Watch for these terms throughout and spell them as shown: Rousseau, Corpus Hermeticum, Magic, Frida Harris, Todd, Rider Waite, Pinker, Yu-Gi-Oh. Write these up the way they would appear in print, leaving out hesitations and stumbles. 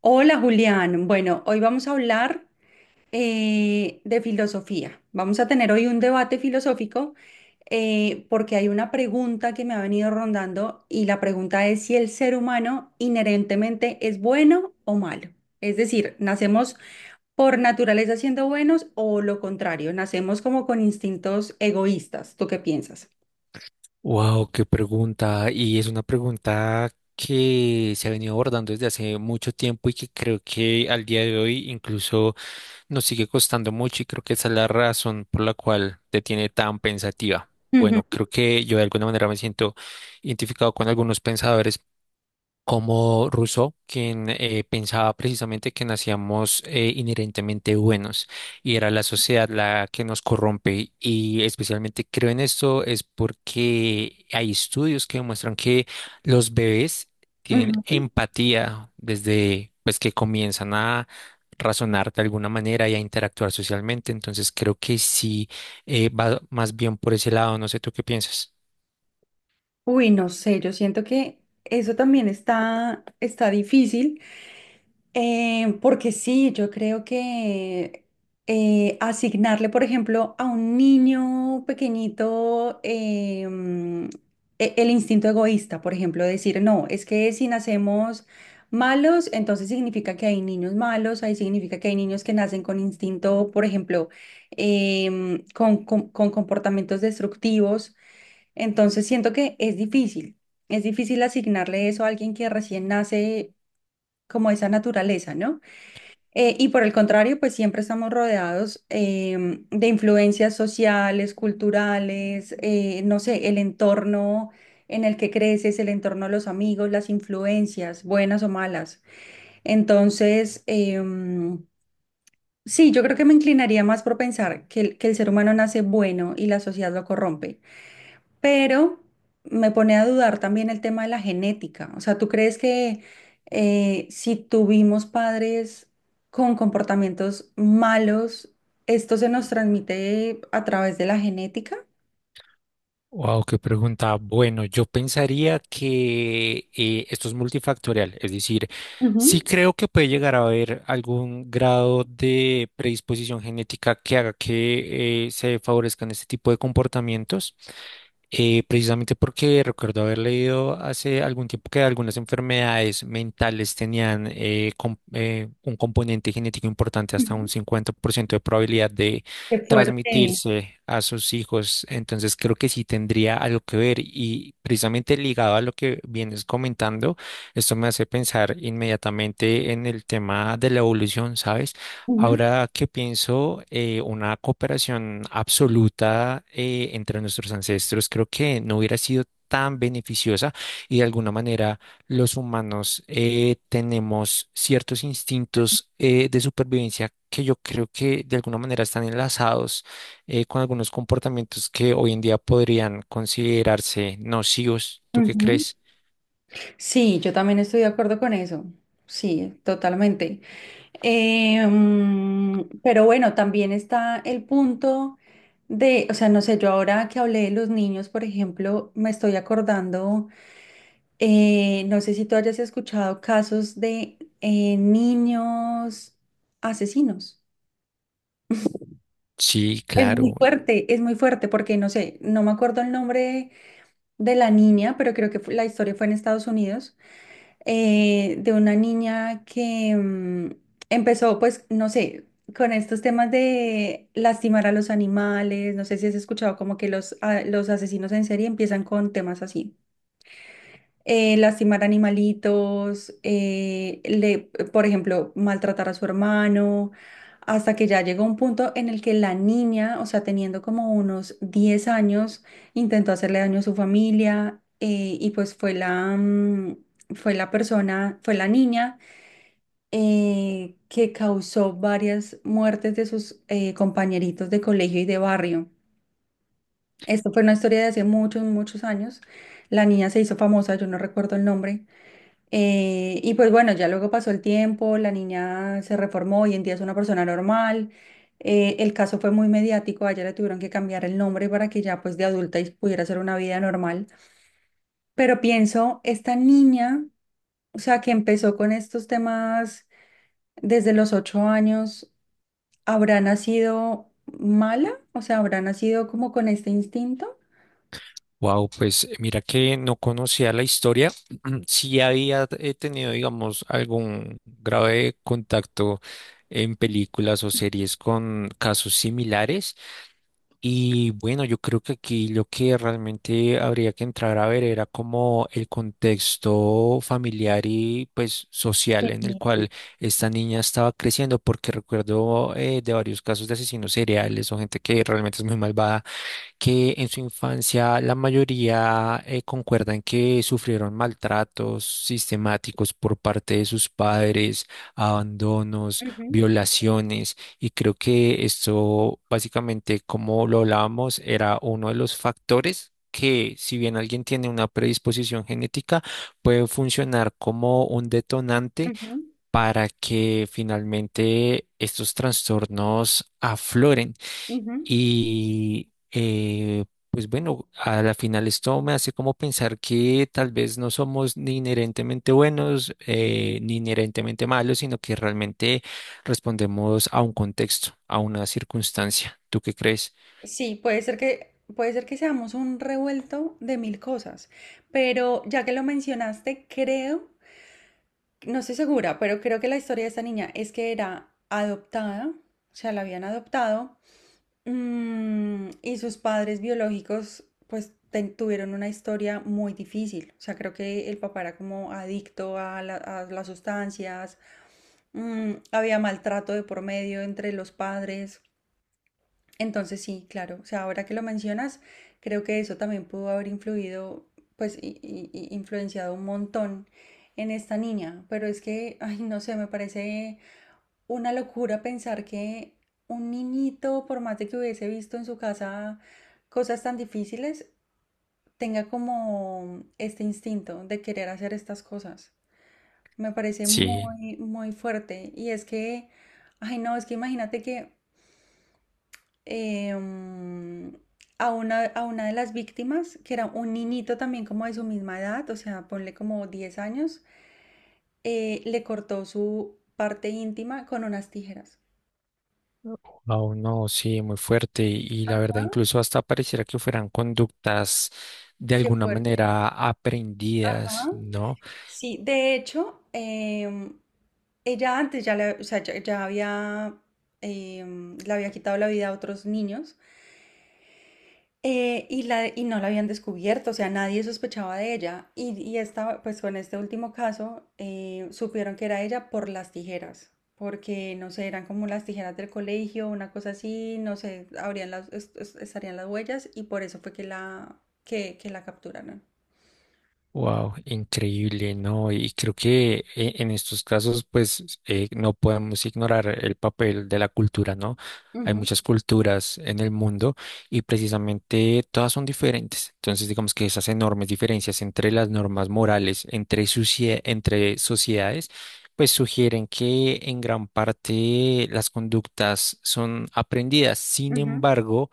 Hola Julián, bueno, hoy vamos a hablar de filosofía. Vamos a tener hoy un debate filosófico porque hay una pregunta que me ha venido rondando y la pregunta es si el ser humano inherentemente es bueno o malo. Es decir, ¿nacemos por naturaleza siendo buenos o lo contrario? ¿Nacemos como con instintos egoístas? ¿Tú qué piensas? Wow, qué pregunta. Y es una pregunta que se ha venido abordando desde hace mucho tiempo y que creo que al día de hoy incluso nos sigue costando mucho, y creo que esa es la razón por la cual te tiene tan pensativa. Ujú, Bueno, creo que yo de alguna manera me siento identificado con algunos pensadores como Rousseau, quien pensaba precisamente que nacíamos inherentemente buenos y era la sociedad la que nos corrompe. Y especialmente creo en esto es porque hay estudios que demuestran que los bebés tienen ujú. empatía desde pues que comienzan a razonar de alguna manera y a interactuar socialmente. Entonces creo que sí, va más bien por ese lado. No sé tú qué piensas. Uy, no sé, yo siento que eso también está difícil. Porque sí, yo creo que asignarle, por ejemplo, a un niño pequeñito el instinto egoísta, por ejemplo, decir, no, es que si nacemos malos, entonces significa que hay niños malos, ahí significa que hay niños que nacen con instinto, por ejemplo, con, con comportamientos destructivos. Entonces siento que es difícil asignarle eso a alguien que recién nace como esa naturaleza, ¿no? Y por el contrario, pues siempre estamos rodeados de influencias sociales, culturales, no sé, el entorno en el que creces, el entorno de los amigos, las influencias, buenas o malas. Entonces, sí, yo creo que me inclinaría más por pensar que que el ser humano nace bueno y la sociedad lo corrompe. Pero me pone a dudar también el tema de la genética. O sea, ¿tú crees que si tuvimos padres con comportamientos malos, esto se nos transmite a través de la genética? Wow, qué pregunta. Bueno, yo pensaría que esto es multifactorial, es decir, sí Ujú, creo que puede llegar a haber algún grado de predisposición genética que haga que se favorezcan este tipo de comportamientos, precisamente porque recuerdo haber leído hace algún tiempo que algunas enfermedades mentales tenían un componente genético importante, hasta un ujú. 50% de probabilidad de Qué fuerte. transmitirse a sus hijos. Entonces creo que sí tendría algo que ver, y precisamente ligado a lo que vienes comentando, esto me hace pensar inmediatamente en el tema de la evolución, ¿sabes? Ahora que pienso, una cooperación absoluta entre nuestros ancestros creo que no hubiera sido tan beneficiosa, y de alguna manera los humanos tenemos ciertos instintos de supervivencia que yo creo que de alguna manera están enlazados con algunos comportamientos que hoy en día podrían considerarse nocivos. ¿Tú qué Ujú, ujú. crees? Sí, yo también estoy de acuerdo con eso. Sí, totalmente. Pero bueno, también está el punto de, o sea, no sé, yo ahora que hablé de los niños, por ejemplo, me estoy acordando, no sé si tú hayas escuchado casos de niños asesinos. Sí, claro. Es muy fuerte porque no sé, no me acuerdo el nombre de la niña, pero creo que la historia fue en Estados Unidos de una niña que empezó, pues, no sé, con estos temas de lastimar a los animales, no sé si has escuchado como que los asesinos en serie empiezan con temas así lastimar animalitos, por ejemplo, maltratar a su hermano, hasta que ya llegó un punto en el que la niña, o sea, teniendo como unos 10 años, intentó hacerle daño a su familia y pues fue la persona, fue la niña que causó varias muertes de sus compañeritos de colegio y de barrio. Esto fue una historia de hace muchos, muchos años. La niña se hizo famosa, yo no recuerdo el nombre, y pues bueno, ya luego pasó el tiempo, la niña se reformó, hoy en día es una persona normal. El caso fue muy mediático, a ella le tuvieron que cambiar el nombre para que ya pues de adulta y pudiera hacer una vida normal. Pero pienso, esta niña, o sea, que empezó con estos temas desde los 8 años, ¿habrá nacido mala? O sea, ¿habrá nacido como con este instinto? Wow, pues mira que no conocía la historia. Sí había tenido, digamos, algún grave contacto en películas o series con casos similares. Y bueno, yo creo que aquí lo que realmente habría que entrar a ver era como el contexto familiar y pues social en el cual esta niña estaba creciendo, porque recuerdo de varios casos de asesinos seriales o gente que realmente es muy malvada, que en su infancia la mayoría concuerdan que sufrieron maltratos sistemáticos por parte de sus padres, abandonos, violaciones. Y creo que esto básicamente, como lo hablábamos, era uno de los factores, que si bien alguien tiene una predisposición genética, puede funcionar como un detonante Ujú, para que finalmente estos trastornos afloren. ujú. Y pues bueno, a la final esto me hace como pensar que tal vez no somos ni inherentemente buenos ni inherentemente malos, sino que realmente respondemos a un contexto, a una circunstancia. ¿Tú qué crees? Sí, puede ser que seamos un revuelto de mil cosas, pero ya que lo mencionaste, creo, no estoy segura, pero creo que la historia de esta niña es que era adoptada, o sea, la habían adoptado, y sus padres biológicos, pues, tuvieron una historia muy difícil. O sea, creo que el papá era como adicto a, a las sustancias, había maltrato de por medio entre los padres. Entonces sí, claro, o sea, ahora que lo mencionas, creo que eso también pudo haber influido, pues, y influenciado un montón en esta niña, pero es que, ay, no sé, me parece una locura pensar que un niñito, por más de que hubiese visto en su casa cosas tan difíciles, tenga como este instinto de querer hacer estas cosas. Me parece Sí, muy, muy fuerte. Y es que, ay, no, es que imagínate que eh, mm, a una de las víctimas, que era un niñito también como de su misma edad, o sea, ponle como 10 años, le cortó su parte íntima con unas tijeras. aún no, sí, muy fuerte. Y la Ajá, verdad, incluso hasta pareciera que fueran conductas de qué alguna fuerte. manera aprendidas, Ajá. ¿no? Sí, de hecho, ella antes ya, o sea, ya, ya había, le había quitado la vida a otros niños. Y no la habían descubierto, o sea, nadie sospechaba de ella. Y esta, pues con este último caso, supieron que era ella por las tijeras, porque no sé, eran como las tijeras del colegio, una cosa así, no sé, habrían estarían las huellas y por eso fue que que la capturaron. Wow, increíble, ¿no? Y creo que en estos casos, pues, no podemos ignorar el papel de la cultura, ¿no? Hay Ujú, muchas culturas en el mundo y precisamente todas son diferentes. Entonces, digamos que esas enormes diferencias entre las normas morales, entre, entre sociedades, pues sugieren que en gran parte las conductas son aprendidas. Sin ujú. embargo,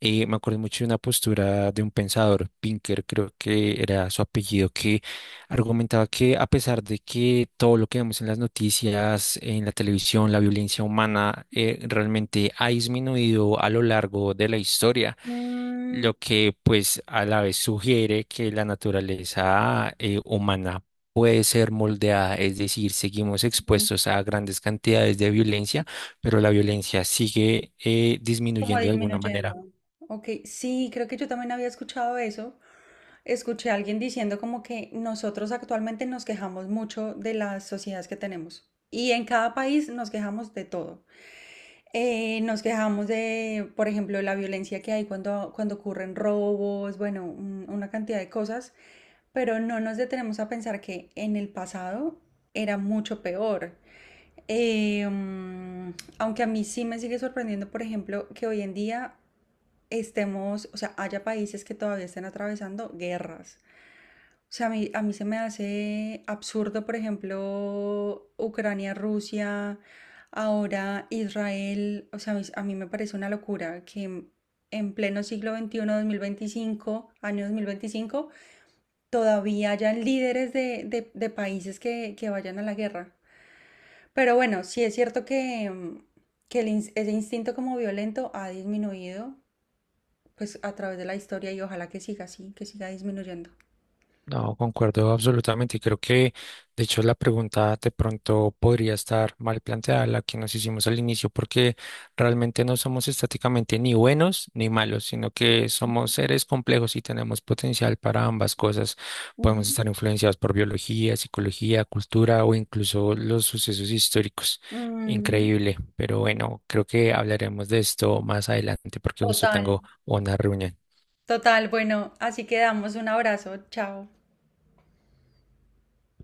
me acuerdo mucho de una postura de un pensador, Pinker, creo que era su apellido, que argumentaba que, a pesar de que todo lo que vemos en las noticias, en la televisión, la violencia humana realmente ha disminuido a lo largo de la historia, Mm, lo que pues a la vez sugiere que la naturaleza humana puede ser moldeada, es decir, seguimos ujú. expuestos a grandes cantidades de violencia, pero la violencia sigue Como disminuyendo de alguna manera. disminuyendo. Ok, sí, creo que yo también había escuchado eso. Escuché a alguien diciendo como que nosotros actualmente nos quejamos mucho de las sociedades que tenemos. Y en cada país nos quejamos de todo. Nos quejamos de, por ejemplo, la violencia que hay cuando, cuando ocurren robos, bueno, una cantidad de cosas, pero no nos detenemos a pensar que en el pasado era mucho peor. Eh, mm, Aunque a mí sí me sigue sorprendiendo, por ejemplo, que hoy en día estemos, o sea, haya países que todavía estén atravesando guerras sea, a mí se me hace absurdo, por ejemplo, Ucrania, Rusia, ahora Israel. O sea, a mí me parece una locura que en pleno siglo XXI 2025 año 2025 todavía hayan líderes de, de países que vayan a la guerra. Pero bueno, sí es cierto que, que el ese instinto como violento ha disminuido, pues a través de la historia y ojalá que siga así, que siga disminuyendo. No, concuerdo absolutamente, y creo que de hecho la pregunta de pronto podría estar mal planteada, la que nos hicimos al inicio, porque realmente no somos estáticamente ni buenos ni malos, sino que somos seres complejos y tenemos potencial para ambas cosas. Ujú. Podemos estar influenciados por biología, psicología, cultura o incluso los sucesos históricos. Ujú. Increíble, pero bueno, creo que hablaremos de esto más adelante porque justo Total. tengo una reunión. Total, bueno, así quedamos. Un abrazo, chao.